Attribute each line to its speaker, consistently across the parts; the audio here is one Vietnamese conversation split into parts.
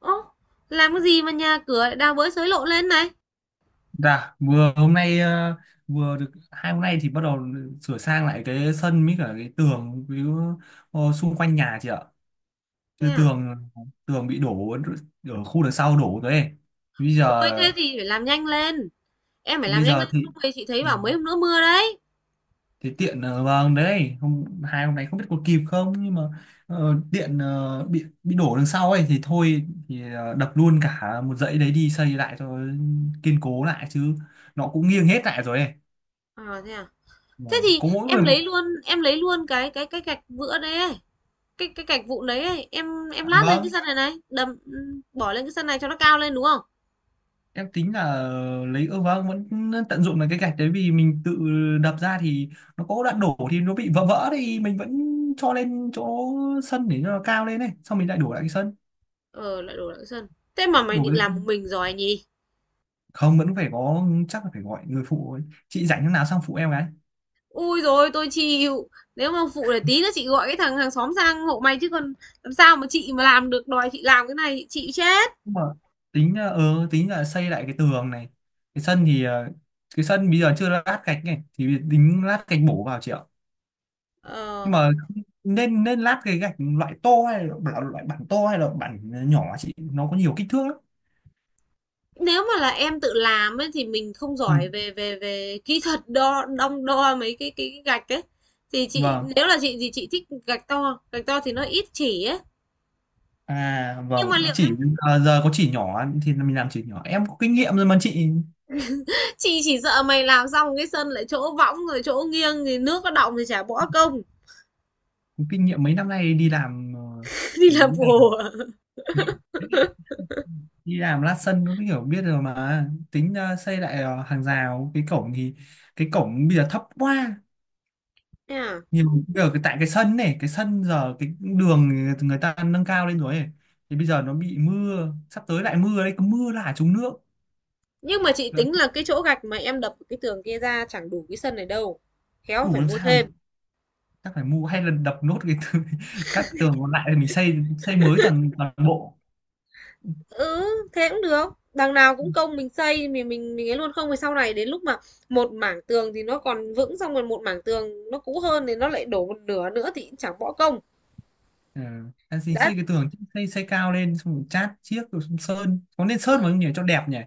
Speaker 1: Ô, làm cái gì mà nhà cửa lại đào bới xới lộ lên này?
Speaker 2: Dạ, vừa hôm nay vừa được hai hôm nay thì bắt đầu sửa sang lại cái sân với cả cái tường với xung quanh nhà chị ạ.
Speaker 1: Thế
Speaker 2: Chứ
Speaker 1: à?
Speaker 2: tường tường bị đổ ở khu đằng sau đổ rồi ấy. Bây giờ
Speaker 1: Ôi, thế thì phải làm nhanh lên. Em phải
Speaker 2: thì
Speaker 1: làm
Speaker 2: bây
Speaker 1: nhanh
Speaker 2: giờ
Speaker 1: lên
Speaker 2: thì
Speaker 1: không thì chị thấy
Speaker 2: ừ,
Speaker 1: bảo mấy hôm nữa mưa đấy.
Speaker 2: thì tiện vâng đấy, hai hôm nay không biết có kịp không, nhưng mà điện bị đổ đằng sau ấy, thì thôi thì đập luôn cả một dãy đấy đi xây lại cho kiên cố lại, chứ nó cũng nghiêng hết lại rồi ấy.
Speaker 1: À? Thế
Speaker 2: Vâng.
Speaker 1: thì
Speaker 2: Có mỗi
Speaker 1: em
Speaker 2: người.
Speaker 1: lấy luôn, em lấy luôn cái gạch vữa đấy ấy. Cái gạch vụn đấy ấy. Em
Speaker 2: À,
Speaker 1: lát lên cái
Speaker 2: vâng,
Speaker 1: sân này này, đầm bỏ lên cái sân này cho nó cao lên đúng không?
Speaker 2: em tính là lấy, ơ vâng, vẫn tận dụng được cái gạch đấy, vì mình tự đập ra thì nó có đoạn đổ thì nó bị vỡ vỡ thì mình vẫn cho lên chỗ sân để cho nó cao lên này, xong mình lại đổ lại cái sân.
Speaker 1: Ờ, lại đổ lại cái sân. Thế mà mày
Speaker 2: đổ
Speaker 1: định
Speaker 2: cái...
Speaker 1: làm một mình rồi nhỉ?
Speaker 2: Không, vẫn phải có, chắc là phải gọi người phụ ấy. Chị rảnh lúc nào sang phụ em cái,
Speaker 1: Ui rồi tôi chịu. Nếu mà phụ để tí nữa chị gọi cái thằng hàng xóm sang hộ mày chứ còn làm sao mà chị mà làm được đòi chị làm cái này chị chịu chết.
Speaker 2: nhưng mà tính là xây lại cái tường này. Cái sân thì cái sân bây giờ chưa lát gạch này thì tính lát gạch bổ vào, chị ạ, nhưng
Speaker 1: Ờ,
Speaker 2: mà nên nên lát cái gạch loại tô hay là loại, loại bản tô hay là bản nhỏ, chị nó có nhiều kích thước lắm.
Speaker 1: nếu mà là em tự làm ấy thì mình không
Speaker 2: Ừ.
Speaker 1: giỏi về về về kỹ thuật đo đong đo mấy cái gạch ấy thì chị
Speaker 2: Vâng.
Speaker 1: nếu là chị thì chị thích gạch to gạch to thì nó ít chỉ ấy
Speaker 2: À
Speaker 1: nhưng
Speaker 2: vâng,
Speaker 1: mà liệu em
Speaker 2: chỉ. À, giờ có chỉ nhỏ thì mình làm chỉ nhỏ, em có kinh nghiệm rồi mà chị,
Speaker 1: chị chỉ sợ mày làm xong cái sân lại chỗ võng rồi chỗ nghiêng thì nước nó đọng thì chả bỏ công.
Speaker 2: có kinh nghiệm mấy năm nay đi làm,
Speaker 1: Đi
Speaker 2: mấy
Speaker 1: làm
Speaker 2: ngày rồi,
Speaker 1: bùa.
Speaker 2: đi làm lát sân nó hiểu biết rồi mà. Tính xây lại hàng rào, cái cổng thì cái cổng bây giờ thấp quá
Speaker 1: Thế à?
Speaker 2: nhiều, ở cái tại cái sân này, cái sân giờ cái đường người ta nâng cao lên rồi ấy. Thì bây giờ nó bị mưa, sắp tới lại mưa đấy, cứ mưa là trúng nước.
Speaker 1: Nhưng mà chị
Speaker 2: Là
Speaker 1: tính là cái chỗ gạch mà em đập cái tường kia ra chẳng đủ cái sân này đâu, khéo
Speaker 2: đủ
Speaker 1: phải
Speaker 2: làm
Speaker 1: mua
Speaker 2: sao
Speaker 1: thêm.
Speaker 2: được, chắc phải mua hay là đập nốt cái tường- các tường còn lại thì mình xây, xây mới toàn toàn bộ.
Speaker 1: Ừ, thế cũng được. Đằng nào cũng công mình xây mình ấy luôn không thì sau này đến lúc mà một mảng tường thì nó còn vững xong rồi một mảng tường nó cũ hơn thì nó lại đổ một nửa nữa thì cũng chẳng bỏ công.
Speaker 2: Ừ. Anh xin
Speaker 1: Đã.
Speaker 2: xây cái tường, xây xây cao lên, xong rồi chát chiếc rồi, xong sơn, có nên
Speaker 1: Ừ,
Speaker 2: sơn vào không nhỉ, cho đẹp nhỉ.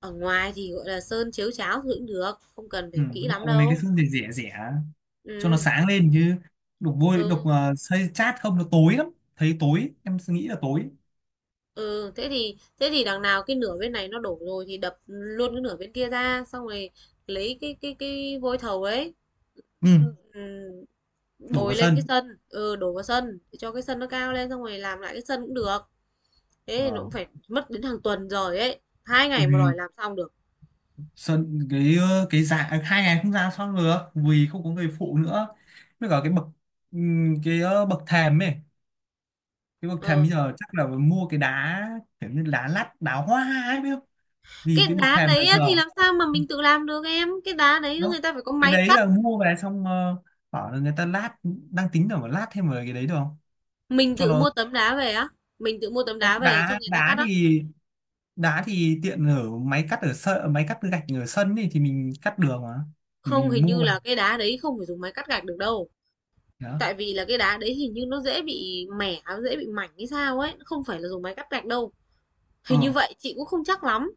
Speaker 1: ở ngoài thì gọi là sơn chiếu cháo thì cũng được không cần
Speaker 2: Ừ,
Speaker 1: phải kỹ
Speaker 2: đúng
Speaker 1: lắm
Speaker 2: rồi, mấy cái
Speaker 1: đâu.
Speaker 2: sơn rẻ rẻ rẻ cho nó
Speaker 1: Ừ.
Speaker 2: sáng lên chứ, đục vôi đục
Speaker 1: Ừ,
Speaker 2: xây chát không nó tối lắm, thấy tối, em nghĩ là tối.
Speaker 1: ừ thế thì đằng nào cái nửa bên này nó đổ rồi thì đập luôn cái nửa bên kia ra xong rồi lấy cái cái vôi thầu ấy.
Speaker 2: Ừ.
Speaker 1: Ừ,
Speaker 2: Đổ vào
Speaker 1: bồi lên cái
Speaker 2: sân.
Speaker 1: sân, ừ, đổ vào sân để cho cái sân nó cao lên xong rồi làm lại cái sân cũng được. Thế thì nó cũng
Speaker 2: Vâng.
Speaker 1: phải mất đến hàng tuần rồi ấy, hai
Speaker 2: Ừ.
Speaker 1: ngày mà đòi làm xong được.
Speaker 2: Sơn cái cái giá à, hai ngày không ra xong được vì không có người phụ nữa, với cả cái bậc, cái bậc thềm ấy, cái bậc thềm
Speaker 1: Ờ.
Speaker 2: bây giờ chắc là mua cái đá kiểu như đá lát, đá hoa ấy, biết không, vì
Speaker 1: Cái
Speaker 2: cái bậc
Speaker 1: đá
Speaker 2: thềm là
Speaker 1: đấy á
Speaker 2: giờ
Speaker 1: thì làm sao mà mình tự làm được em, cái đá đấy
Speaker 2: đó.
Speaker 1: người ta phải có
Speaker 2: Cái
Speaker 1: máy
Speaker 2: đấy
Speaker 1: cắt.
Speaker 2: là mua về, xong bảo là người ta lát, đang tính là phải lát thêm vào, cái đấy được không
Speaker 1: Mình
Speaker 2: cho
Speaker 1: tự
Speaker 2: nó.
Speaker 1: mua tấm đá về á? Mình tự mua tấm đá
Speaker 2: Không,
Speaker 1: về cho
Speaker 2: đá,
Speaker 1: người ta
Speaker 2: đá
Speaker 1: cắt á?
Speaker 2: thì, đá thì tiện ở máy cắt ở sân, máy cắt gạch ở sân thì mình cắt đường mà, thì
Speaker 1: Không,
Speaker 2: mình
Speaker 1: hình
Speaker 2: mua
Speaker 1: như
Speaker 2: về
Speaker 1: là cái đá đấy không phải dùng máy cắt gạch được đâu.
Speaker 2: đó.
Speaker 1: Tại vì là cái đá đấy hình như nó dễ bị mẻ dễ bị mảnh hay sao ấy, nó không phải là dùng máy cắt gạch đâu,
Speaker 2: Ờ
Speaker 1: hình như vậy chị cũng không chắc lắm.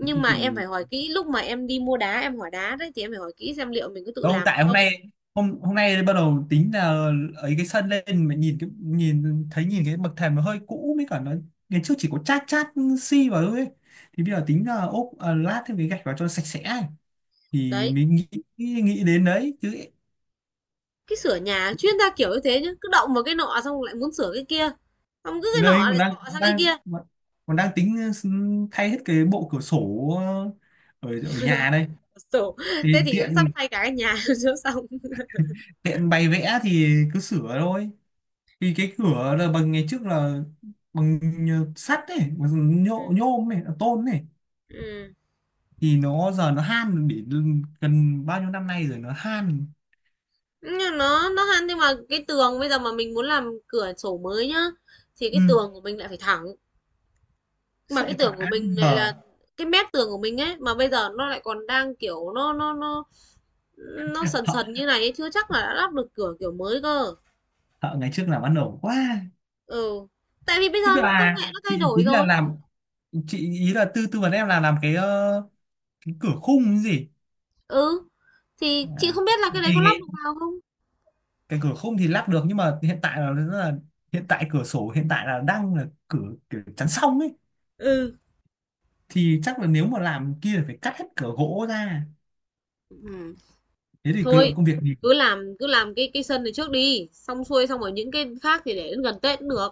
Speaker 2: thế
Speaker 1: mà em phải
Speaker 2: thì
Speaker 1: hỏi kỹ lúc mà em đi mua đá, em hỏi đá đấy thì em phải hỏi kỹ xem liệu mình có tự
Speaker 2: đâu
Speaker 1: làm được
Speaker 2: tại hôm
Speaker 1: không.
Speaker 2: nay, hôm hôm nay bắt đầu tính là ấy cái sân lên mà nhìn cái, nhìn thấy, nhìn cái bậc thềm nó hơi cũ, mới cả nó ngày trước chỉ có chát chát xi vào thôi ấy. Thì bây giờ tính là ốp à, lát thêm cái gạch vào cho sạch sẽ ấy. Thì
Speaker 1: Đấy,
Speaker 2: mình nghĩ, nghĩ đến đấy chứ.
Speaker 1: cái sửa nhà chuyên gia kiểu như thế nhá, cứ động vào cái nọ xong lại muốn sửa cái kia, xong cứ cái
Speaker 2: Đây
Speaker 1: nọ
Speaker 2: còn
Speaker 1: lại
Speaker 2: đang
Speaker 1: sọ sang cái
Speaker 2: đang
Speaker 1: kia.
Speaker 2: còn đang tính thay hết cái bộ cửa sổ ở ở nhà
Speaker 1: Lại
Speaker 2: đây,
Speaker 1: sổ.
Speaker 2: thì
Speaker 1: Thế thì cũng sắp
Speaker 2: tiện
Speaker 1: thay cả cái nhà cho xong.
Speaker 2: tiện bày vẽ thì cứ sửa thôi, vì cái cửa là bằng ngày trước là bằng, nhờ- sắt ấy, bằng nhôm, nhôm này, tôn này,
Speaker 1: Ừ.
Speaker 2: thì nó giờ nó han để gần bao nhiêu năm nay rồi nó han.
Speaker 1: Nhưng nó hăn nhưng mà cái tường bây giờ mà mình muốn làm cửa sổ mới nhá thì
Speaker 2: Ừ.
Speaker 1: cái tường của mình lại phải thẳng, mà cái
Speaker 2: Sẽ
Speaker 1: tường
Speaker 2: thả
Speaker 1: của mình lại
Speaker 2: giờ.
Speaker 1: là cái mép tường của mình ấy mà bây giờ nó lại còn đang kiểu Nó sần
Speaker 2: Thợ,
Speaker 1: sần như này ấy, chưa chắc là đã lắp được cửa kiểu mới cơ.
Speaker 2: thợ ngày trước làm ăn ổn quá.
Speaker 1: Ừ, tại vì bây giờ
Speaker 2: Thế
Speaker 1: công
Speaker 2: là
Speaker 1: nghệ nó thay
Speaker 2: chị
Speaker 1: đổi
Speaker 2: tính là
Speaker 1: rồi.
Speaker 2: làm, chị ý là tư tư vấn em là làm cái cái cửa khung cái gì.
Speaker 1: Ừ, thì chị
Speaker 2: À.
Speaker 1: không biết là cái đấy
Speaker 2: Thì
Speaker 1: có lắp được vào không?
Speaker 2: cái cửa khung thì lắp được, nhưng mà hiện tại là, rất là, hiện tại cửa sổ hiện tại là đang là cửa kiểu chắn song ấy,
Speaker 1: Ừ.
Speaker 2: thì chắc là nếu mà làm kia là phải cắt hết cửa gỗ ra,
Speaker 1: Ừ.
Speaker 2: thế thì cái lượng
Speaker 1: Thôi,
Speaker 2: công việc nhiều.
Speaker 1: cứ làm cái sân này trước đi, xong xuôi xong rồi những cái khác thì để đến gần Tết cũng được.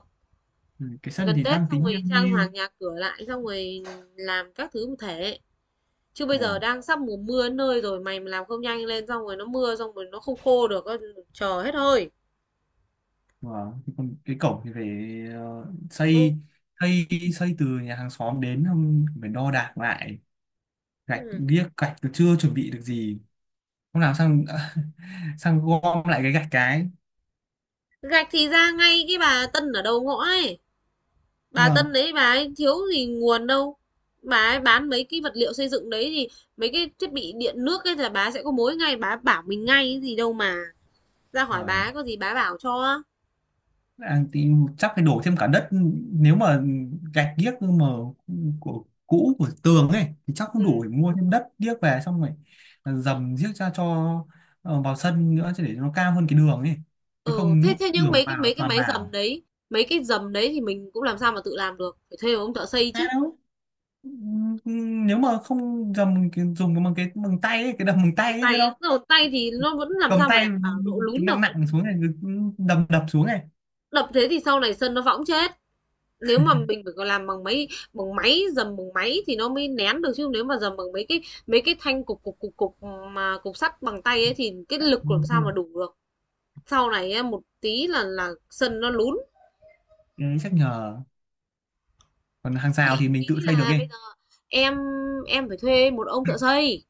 Speaker 2: Ừ, cái sân
Speaker 1: Gần
Speaker 2: thì
Speaker 1: Tết
Speaker 2: đang
Speaker 1: xong
Speaker 2: tính như
Speaker 1: rồi trang
Speaker 2: như-.
Speaker 1: hoàng nhà cửa lại xong rồi làm các thứ một thể. Chứ bây giờ
Speaker 2: Vâng.
Speaker 1: đang sắp mùa mưa đến nơi rồi, mày mà làm không nhanh lên xong rồi nó mưa xong rồi nó không khô được, ơ, chờ hết hơi.
Speaker 2: Vâng. Thì còn cái cổng thì phải ờ,
Speaker 1: Ừ.
Speaker 2: xây, xây xây từ nhà hàng xóm đến, không phải đo đạc lại. Gạch
Speaker 1: Ừ.
Speaker 2: điếc, gạch tôi chưa chuẩn bị được gì. Không làm xong sang gom lại cái gạch cái.
Speaker 1: Gạch thì ra ngay cái bà Tân ở đầu ngõ ấy. Bà Tân
Speaker 2: Vâng.
Speaker 1: đấy bà ấy thiếu gì nguồn đâu. Bà ấy bán mấy cái vật liệu xây dựng đấy thì mấy cái thiết bị điện nước ấy là bà sẽ có mối ngay, bà bảo mình ngay cái gì đâu mà. Ra hỏi bà
Speaker 2: Vâng.
Speaker 1: có gì bà bảo cho.
Speaker 2: À, thì chắc phải đổ thêm cả đất, nếu mà gạch điếc mà của cũ của tường ấy thì chắc
Speaker 1: Ừ.
Speaker 2: không đủ, để mua thêm đất điếc về, xong rồi dầm giếc ra cho vào sân nữa, chứ để nó cao hơn cái đường ấy, chứ
Speaker 1: Ừ,
Speaker 2: không
Speaker 1: thế
Speaker 2: nước
Speaker 1: thế nhưng
Speaker 2: đường
Speaker 1: mấy cái mấy
Speaker 2: vào
Speaker 1: cái
Speaker 2: toàn
Speaker 1: máy dầm
Speaker 2: vào.
Speaker 1: đấy, mấy cái dầm đấy thì mình cũng làm sao mà tự làm được, phải thuê một ông thợ xây
Speaker 2: À
Speaker 1: chứ.
Speaker 2: đâu. Nếu mà không dầm cái- dùng cái bằng tay ấy, cái đầm bằng
Speaker 1: Dầm
Speaker 2: tay
Speaker 1: bằng
Speaker 2: ấy biết
Speaker 1: tay
Speaker 2: không,
Speaker 1: á, dầm bằng tay thì nó vẫn làm
Speaker 2: cầm
Speaker 1: sao mà
Speaker 2: tay,
Speaker 1: đảm bảo độ
Speaker 2: cái
Speaker 1: lún
Speaker 2: nặng
Speaker 1: được.
Speaker 2: nặng xuống này, cứ đầm đập xuống này.
Speaker 1: Đập thế thì sau này sân nó võng chết. Nếu mà mình phải còn làm bằng máy, dầm bằng máy thì nó mới nén được, chứ nếu mà dầm bằng mấy cái thanh cục cục cục cục mà cục sắt bằng tay ấy thì cái
Speaker 2: Ừ,
Speaker 1: lực làm sao mà đủ được. Sau này một tí là sân nó lún.
Speaker 2: cái đấy chắc nhờ. Còn hàng rào
Speaker 1: Chị
Speaker 2: thì mình tự
Speaker 1: nghĩ
Speaker 2: xây được
Speaker 1: là bây
Speaker 2: ấy.
Speaker 1: giờ em em phải thuê một ông thợ xây,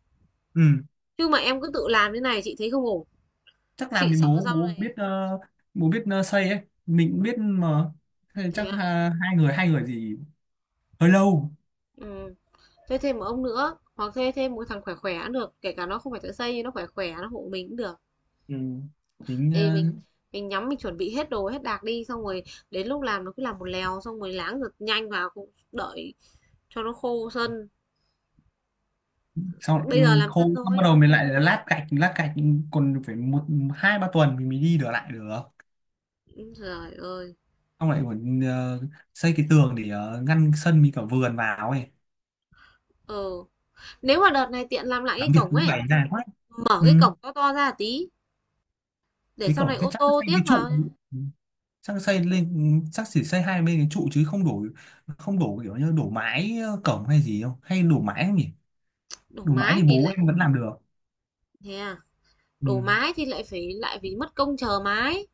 Speaker 2: Ừ,
Speaker 1: chứ mà em cứ tự làm thế này chị thấy không ổn.
Speaker 2: chắc làm
Speaker 1: Chị
Speaker 2: thì
Speaker 1: sợ
Speaker 2: bố
Speaker 1: sau
Speaker 2: bố
Speaker 1: này.
Speaker 2: biết bố biết xây ấy, mình cũng biết mà. Thế
Speaker 1: Thế
Speaker 2: chắc
Speaker 1: à?
Speaker 2: ha, hai người, gì hơi lâu.
Speaker 1: Ừ. Thuê thêm một ông nữa hoặc thuê thêm một thằng khỏe khỏe cũng được, kể cả nó không phải thợ xây nhưng nó khỏe khỏe nó hộ mình cũng được.
Speaker 2: Ừ. Tính
Speaker 1: Thì mình, nhắm mình chuẩn bị hết đồ, hết đạc đi, xong rồi đến lúc làm nó cứ làm một lèo, xong rồi láng giật nhanh vào, cũng đợi cho nó khô sân.
Speaker 2: sau
Speaker 1: Bây giờ làm
Speaker 2: khô
Speaker 1: sân
Speaker 2: xong bắt
Speaker 1: thôi.
Speaker 2: đầu mình lại lát gạch, lát gạch, còn phải một, hai, ba tuần thì mình mới đi được lại được.
Speaker 1: Ừ, Trời ơi.
Speaker 2: Xong lại còn xây cái tường để ngăn sân với cả vườn vào ấy.
Speaker 1: Ừ. Nếu mà đợt này tiện làm lại cái
Speaker 2: Làm việc
Speaker 1: cổng
Speaker 2: những
Speaker 1: ấy,
Speaker 2: ngày dài quá.
Speaker 1: mở
Speaker 2: Ừ.
Speaker 1: cái cổng to to ra tí, để
Speaker 2: Cái
Speaker 1: sau này
Speaker 2: cổng chắc
Speaker 1: ô
Speaker 2: chắn
Speaker 1: tô
Speaker 2: xây cái
Speaker 1: tiếc
Speaker 2: trụ.
Speaker 1: vào.
Speaker 2: Ừ. Chắc xây lên, ừ, chắc chỉ xây hai bên cái trụ chứ không đổ, không đổ kiểu như đổ mái cổng hay gì không, hay đổ mái không nhỉ.
Speaker 1: Đổ
Speaker 2: Đổ mái
Speaker 1: mái
Speaker 2: thì
Speaker 1: thì
Speaker 2: bố
Speaker 1: lại,
Speaker 2: em vẫn làm được.
Speaker 1: thế à,
Speaker 2: Ừ.
Speaker 1: đổ mái thì lại phải mất công chờ mái.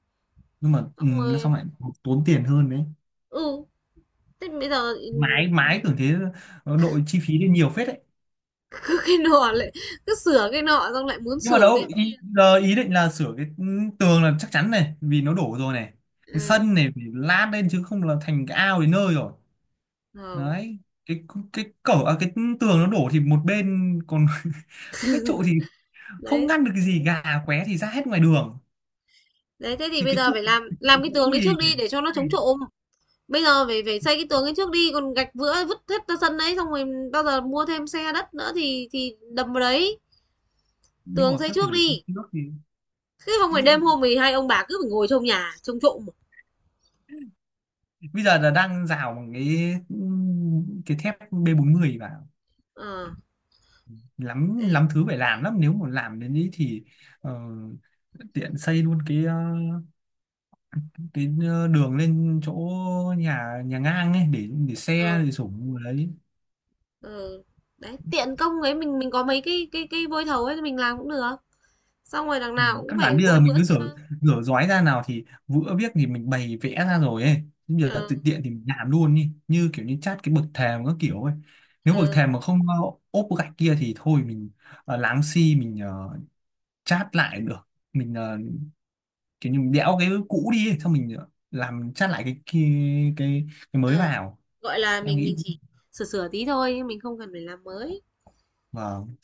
Speaker 2: Nhưng mà ừ,
Speaker 1: Xong
Speaker 2: nó
Speaker 1: rồi,
Speaker 2: xong lại tốn tiền hơn đấy.
Speaker 1: ừ, thế bây giờ, ừ,
Speaker 2: Mái Mái tưởng thế, nó đội chi phí lên nhiều phết đấy.
Speaker 1: cái nọ lại, cứ sửa cái nọ, xong lại muốn
Speaker 2: Nhưng mà
Speaker 1: sửa cái...
Speaker 2: đâu ý, giờ ý định là sửa cái ừ, tường là chắc chắn này vì nó đổ rồi này, cái
Speaker 1: Ừ,
Speaker 2: sân này phải lát lên chứ không là thành cái ao đến nơi rồi.
Speaker 1: ừ.
Speaker 2: Đấy, cái cái cổng à, cái tường nó đổ thì một bên còn đúng cái trụ thì không
Speaker 1: Đấy.
Speaker 2: ngăn được cái gì, gà qué thì ra hết ngoài đường.
Speaker 1: Đấy, thế thì
Speaker 2: Thì
Speaker 1: bây
Speaker 2: cái
Speaker 1: giờ
Speaker 2: trụ,
Speaker 1: phải làm
Speaker 2: cái
Speaker 1: làm
Speaker 2: trụ
Speaker 1: cái tường
Speaker 2: cũ
Speaker 1: đấy
Speaker 2: thì
Speaker 1: trước
Speaker 2: phải
Speaker 1: đi để cho nó chống
Speaker 2: thay.
Speaker 1: trộm. Bây giờ phải phải xây cái tường ấy trước đi, còn gạch vữa vứt hết ra sân đấy xong rồi bao giờ mua thêm xe đất nữa thì đầm vào đấy,
Speaker 2: Nhưng mà
Speaker 1: tường xây
Speaker 2: chắc phải
Speaker 1: trước
Speaker 2: đổ sang
Speaker 1: đi.
Speaker 2: nước thì
Speaker 1: Chứ không phải đêm
Speaker 2: ý,
Speaker 1: hôm thì hai ông bà cứ phải ngồi trong nhà trông trộm.
Speaker 2: bây giờ là đang rào bằng cái thép B40 vào,
Speaker 1: Ờ, à,
Speaker 2: lắm
Speaker 1: đấy.
Speaker 2: lắm thứ phải làm lắm, nếu mà làm đến ý thì ờ, tiện xây luôn cái cái đường lên chỗ nhà nhà ngang ấy để xe,
Speaker 1: Ờ,
Speaker 2: để sủng đấy.
Speaker 1: ờ. Đấy, tiện công ấy mình có mấy cái cái vôi thầu ấy thì mình làm cũng được. Xong rồi đằng
Speaker 2: Ừ,
Speaker 1: nào cũng
Speaker 2: căn bản
Speaker 1: phải
Speaker 2: bây
Speaker 1: vôi
Speaker 2: giờ mình
Speaker 1: vữa
Speaker 2: cứ
Speaker 1: xi
Speaker 2: rửa,
Speaker 1: măng.
Speaker 2: rửa giói ra nào thì vữa viết thì mình bày vẽ ra rồi ấy. Chứ bây giờ
Speaker 1: Ờ,
Speaker 2: tự tiện thì mình làm luôn đi, như kiểu như chát cái bậc thềm các kiểu ấy, nếu bậc
Speaker 1: ờ,
Speaker 2: thềm mà không ốp gạch kia thì thôi mình láng xi, mình chát lại được, mình kiểu như mình đẽo cái cũ đi ấy, xong mình làm chát lại cái cái, cái mới
Speaker 1: ờ.
Speaker 2: vào.
Speaker 1: Gọi là
Speaker 2: Em
Speaker 1: mình
Speaker 2: nghĩ.
Speaker 1: chỉ sửa sửa tí thôi, nhưng mình không cần phải làm mới.
Speaker 2: Vâng,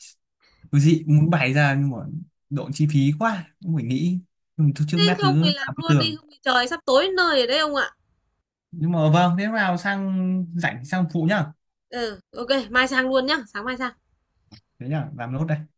Speaker 2: cứ dị muốn bày ra, nhưng mà độ chi phí quá cũng phải nghĩ, nhưng mà thôi trước
Speaker 1: Thế
Speaker 2: mắt
Speaker 1: không
Speaker 2: cứ
Speaker 1: thì làm
Speaker 2: làm cái
Speaker 1: luôn đi,
Speaker 2: tường.
Speaker 1: không thì trời sắp tối nơi ở đấy ông ạ.
Speaker 2: Nhưng mà vâng, thế nào sang rảnh sang phụ nhá.
Speaker 1: Ừ, ô mai sang luôn nhá, sáng mai sang.
Speaker 2: Thế nhá, làm nốt đây.